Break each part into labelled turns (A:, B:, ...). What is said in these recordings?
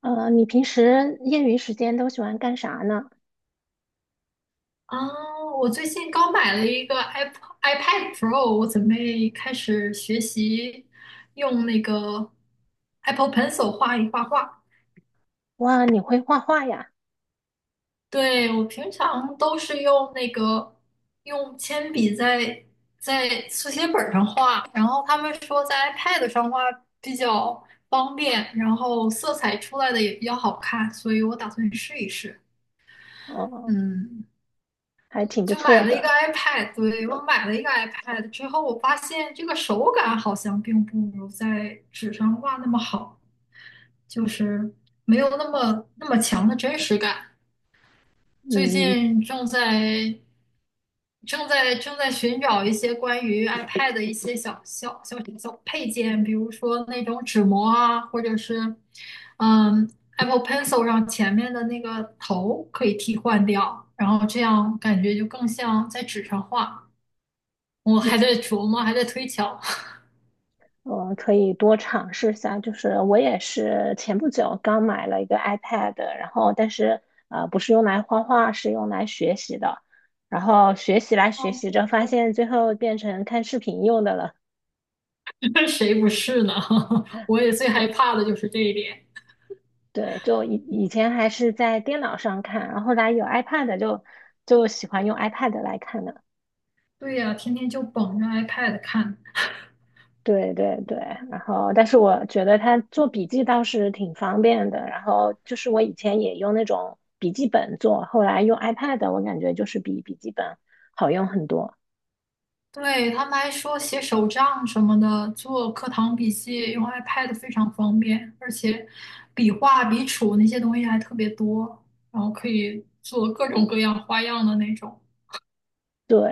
A: 你平时业余时间都喜欢干啥呢？
B: 啊，我最近刚买了一个 iPad Pro，我准备开始学习用那个 Apple Pencil 画一画画。
A: 哇，你会画画呀？
B: 对，我平常都是用那个用铅笔在速写本儿上画，然后他们说在 iPad 上画比较方便，然后色彩出来的也比较好看，所以我打算试一试。
A: 哦，
B: 嗯，
A: 还挺不
B: 就
A: 错
B: 买了一个
A: 的。
B: iPad，对，我买了一个 iPad 之后，我发现这个手感好像并不如在纸上画那么好，就是没有那么强的真实感。最
A: 嗯，
B: 近正在寻找一些关于 iPad 的一些小小配件，比如说那种纸膜啊，或者是嗯 Apple Pencil 上前面的那个头可以替换掉，然后这样感觉就更像在纸上画。我
A: 嗯
B: 还在琢磨，还在推敲。
A: 我可以多尝试一下。就是我也是前不久刚买了一个 iPad，然后但是不是用来画画，是用来学习的。然后学习来 学
B: 哦，
A: 习
B: 那
A: 着，
B: 不
A: 发
B: 错。
A: 现最后变成看视频用的了。
B: 谁不是呢？我也最害
A: 对
B: 怕的就是这一点。
A: 对，就以前还是在电脑上看，然后后来有 iPad 就喜欢用 iPad 来看了。
B: 对呀，天天就捧着 iPad 看。
A: 对对对，然后但是我觉得它做笔记倒是挺方便的，然后就是我以前也用那种笔记本做，后来用 iPad，我感觉就是比笔记本好用很多。
B: 对，他们还说写手账什么的，做课堂笔记用 iPad 非常方便，而且笔画、笔触那些东西还特别多，然后可以做各种各样花样的那种。
A: 对，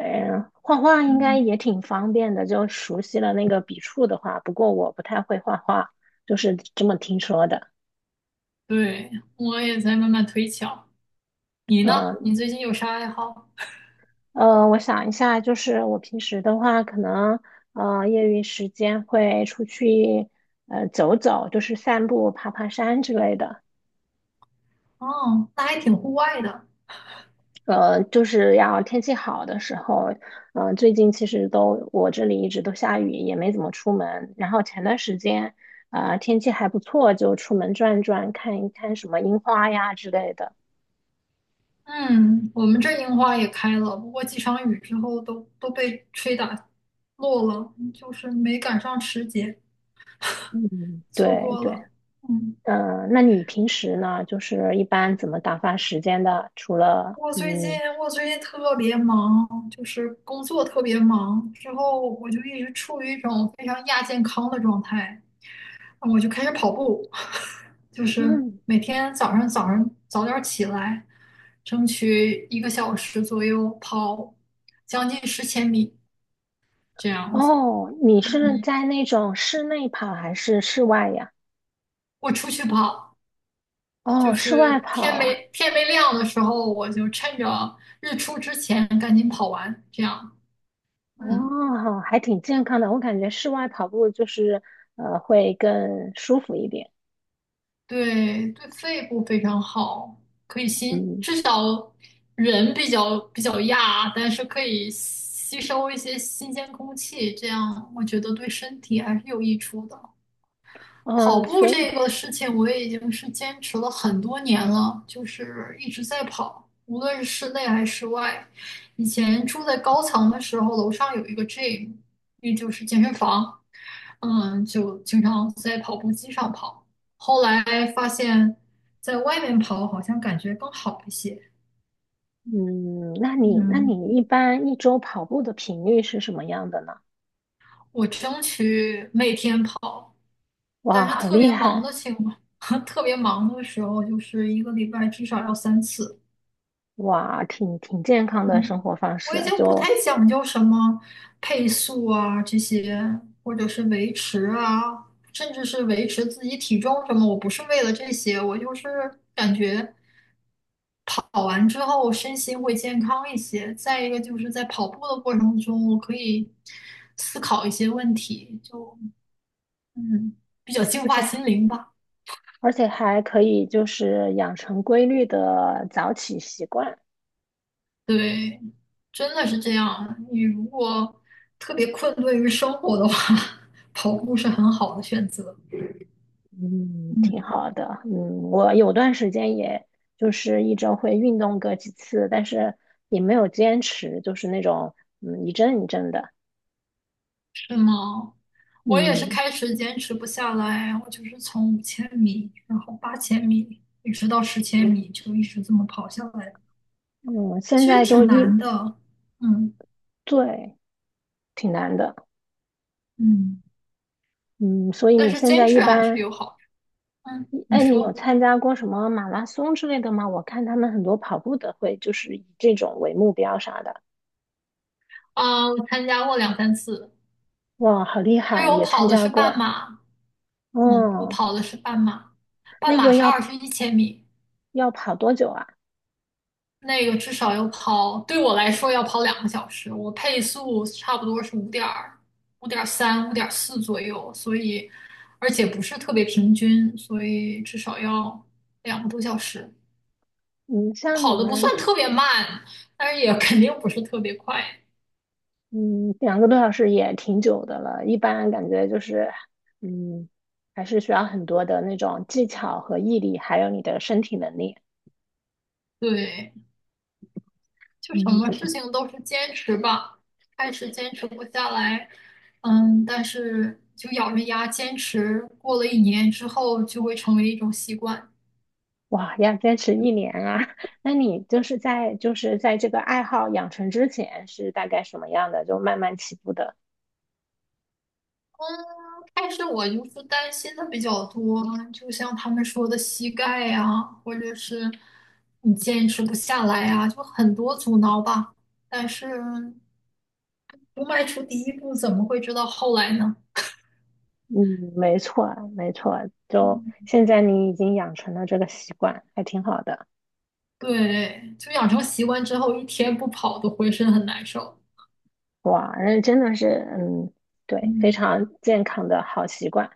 A: 画画应该
B: 嗯，
A: 也挺方便的，就熟悉了那个笔触的话，不过我不太会画画，就是这么听说的。
B: 对，我也在慢慢推敲。你呢？你
A: 嗯
B: 最近有啥爱好？
A: 我想一下，就是我平时的话，可能业余时间会出去走走，就是散步、爬爬山之类的。
B: 哦，那还挺户外的。
A: 就是要天气好的时候，最近其实都我这里一直都下雨，也没怎么出门。然后前段时间，天气还不错，就出门转转，看一看什么樱花呀之类的。
B: 嗯，我们这樱花也开了，不过几场雨之后都被吹打落了，就是没赶上时节，
A: 嗯，
B: 错
A: 对
B: 过
A: 对，
B: 了。嗯，
A: 那你平时呢，就是一般怎么打发时间的？除了
B: 我最近我最近特别忙，就是工作特别忙，之后我就一直处于一种非常亚健康的状态，我就开始跑步，就是
A: 嗯，
B: 每天早上早点起来，争取1个小时左右跑将近十千米这样子。
A: 哦，你是
B: 嗯。
A: 在那种室内跑还是室外呀？
B: 我出去跑，
A: 哦，
B: 就
A: 室
B: 是
A: 外跑
B: 天
A: 啊。
B: 没天没亮的时候，我就趁着日出之前赶紧跑完，这样，嗯，
A: 哦，还挺健康的。我感觉室外跑步就是会更舒服一点。
B: 对对，肺部非常好，可以吸，
A: 嗯
B: 至少人比较亚，但是可以吸收一些新鲜空气，这样我觉得对身体还是有益处的。跑
A: 嗯，
B: 步
A: 所以
B: 这个事情，我已经是坚持了很多年了，就是一直在跑，无论是室内还是室外。以前住在高层的时候，楼上有一个 gym,也就是健身房，就经常在跑步机上跑。后来在外面跑，好像感觉更好一些。
A: 嗯，那你那
B: 嗯，
A: 你一般一周跑步的频率是什么样的呢？
B: 我争取每天跑，
A: 哇，
B: 但是
A: 好
B: 特
A: 厉
B: 别忙
A: 害！
B: 的情况，特别忙的时候，就是1个礼拜至少要三次。
A: 哇，挺健康的生
B: 嗯，
A: 活方
B: 我已
A: 式，
B: 经不太
A: 就
B: 讲究什么配速啊这些，或者是维持啊，甚至是维持自己体重什么，我不是为了这些，我就是感觉跑完之后身心会健康一些。再一个就是在跑步的过程中，我可以思考一些问题，就嗯，比较净
A: 而
B: 化
A: 且
B: 心灵吧。
A: 而且还可以就是养成规律的早起习惯。
B: 对，真的是这样。你如果特别困顿于生活的话，跑步是很好的选择。
A: 嗯，
B: 嗯。
A: 挺好的。嗯，我有段时间也就是一周会运动个几次，但是也没有坚持，就是那种一阵一阵的。
B: 是吗？我也是
A: 嗯
B: 开始坚持不下来，我就是从5千米，然后8千米，一直到十千米，就一直这么跑下来，
A: 嗯，现
B: 其实
A: 在就
B: 挺
A: 一，
B: 难的，嗯，
A: 对，挺难的。
B: 嗯，
A: 嗯，所以
B: 但
A: 你
B: 是
A: 现
B: 坚
A: 在一
B: 持还是
A: 般，
B: 有好处。嗯，你
A: 哎，你有
B: 说。
A: 参加过什么马拉松之类的吗？我看他们很多跑步的会就是以这种为目标啥的。
B: 啊，我参加过两三次，
A: 哇，好厉
B: 但是
A: 害，
B: 我
A: 也参
B: 跑的
A: 加
B: 是
A: 过。
B: 半马，嗯，我
A: 哦，
B: 跑的是半马，半
A: 那
B: 马
A: 个
B: 是
A: 要
B: 21千米，
A: 要跑多久啊？
B: 那个至少要跑，对我来说要跑2个小时，我配速差不多是5.3、5.4左右，而且不是特别平均，所以至少要2个多小时。
A: 嗯，像你
B: 跑的不
A: 们。
B: 算特别慢，但是也肯定不是特别快。
A: 嗯，2个多小时也挺久的了。一般感觉就是，嗯，还是需要很多的那种技巧和毅力，还有你的身体能力。
B: 对，就什
A: 嗯，
B: 么事情都是坚持吧，开始坚持不下来，但是就咬着牙坚持，过了一年之后就会成为一种习惯。
A: 哇，要坚持一年啊！那你就是在这个爱好养成之前是大概什么样的？就慢慢起步的。
B: 嗯，开始我就是担心的比较多，就像他们说的膝盖呀、或者是你坚持不下来呀、就很多阻挠吧。但是不迈出第一步，怎么会知道后来呢？
A: 嗯，没错，没错。就
B: 嗯，
A: 现在你已经养成了这个习惯，还挺好的。
B: 对，就养成习惯之后，一天不跑都浑身很难受。
A: 哇，那真的是，嗯，对，非
B: 嗯，
A: 常健康的好习惯。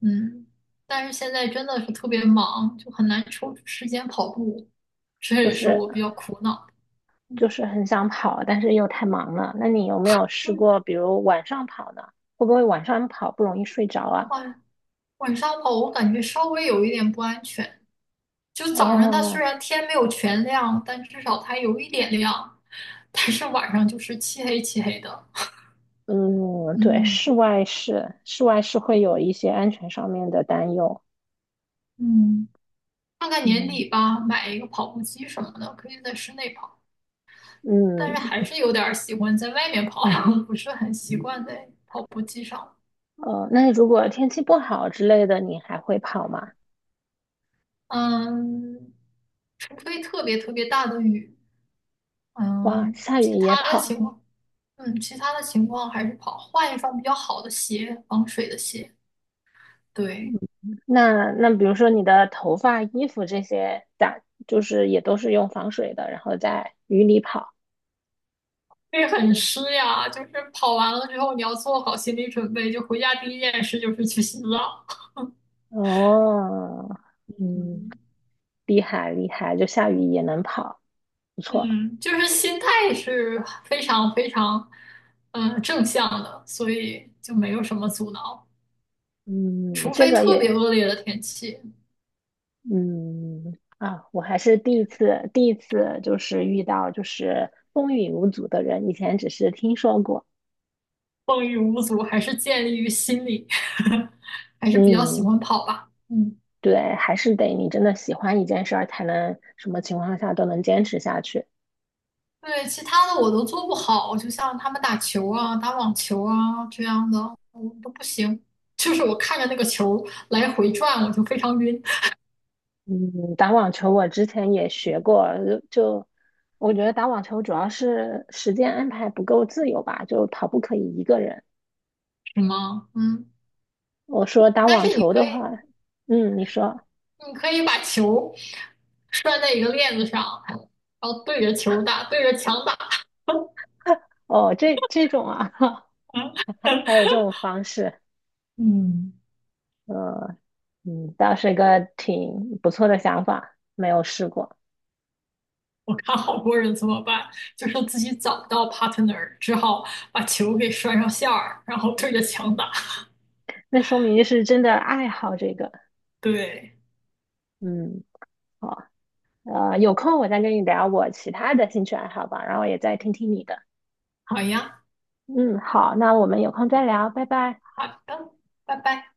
B: 嗯，但是现在真的是特别忙，就很难抽出时间跑步，这
A: 就
B: 也是
A: 是
B: 我比较苦恼的。嗯，
A: 就是很想跑，但是又太忙了。那你有没有
B: 就
A: 试
B: 是
A: 过，比如晚上跑呢？会不会晚上跑不容易睡着啊？
B: 晚上跑我感觉稍微有一点不安全。就早上它虽
A: 哦，
B: 然天没有全亮，但至少它有一点亮，但是晚上就是漆黑漆黑的。
A: 嗯，对，
B: 嗯
A: 室外是会有一些安全上面的担忧。
B: 嗯，看看年
A: 嗯
B: 底吧，买一个跑步机什么的，可以在室内跑，但是
A: 嗯，
B: 还是有点儿喜欢在外面跑，不是很习惯在跑步机上。
A: 那如果天气不好之类的，你还会跑吗？
B: 嗯，除非特别特别大的雨。
A: 哇，
B: 嗯，
A: 下雨也跑。
B: 其他的情况还是跑，换一双比较好的鞋，防水的鞋。对，
A: 那比如说你的头发、衣服这些打，就是也都是用防水的，然后在雨里跑。
B: 会很湿呀，就是跑完了之后，你要做好心理准备，就回家第一件事就是去洗澡。
A: 哦，嗯。
B: 嗯，
A: 厉害厉害，就下雨也能跑，不错。
B: 嗯就是心态是非常非常，正向的，所以就没有什么阻挠，
A: 嗯，
B: 除
A: 这
B: 非
A: 个
B: 特别
A: 也，
B: 恶劣的天气，
A: 我还是第一次就是遇到就是风雨无阻的人，以前只是听说过。
B: 风雨无阻，还是建立于心理，还是比较喜
A: 嗯，
B: 欢跑吧。嗯。
A: 对，还是得你真的喜欢一件事儿，才能什么情况下都能坚持下去。
B: 对，其他的我都做不好，就像他们打球啊、打网球啊这样的，我都不行。就是我看着那个球来回转，我就非常晕。
A: 嗯，打网球我之前也学过，就我觉得打网球主要是时间安排不够自由吧，就跑步可以一个人。
B: 是吗？嗯，
A: 我说打
B: 但
A: 网
B: 是你
A: 球
B: 可
A: 的
B: 以，
A: 话，嗯，你说
B: 你可以把球拴在一个链子上，然后对着球打，对着墙打。
A: 哦，这种啊，还有 这种方式，
B: 嗯，
A: 呃，倒是个挺不错的想法，没有试过，
B: 我看好多人怎么办，就是自己找不到 partner,只好把球给拴上线儿，然后对着墙
A: 嗯，
B: 打。
A: 那说明是真的爱好这个，
B: 对，
A: 嗯，好，有空我再跟你聊我其他的兴趣爱好吧，然后也再听听你的，
B: 好呀，
A: 嗯，好，那我们有空再聊，拜拜。
B: 好的，拜拜。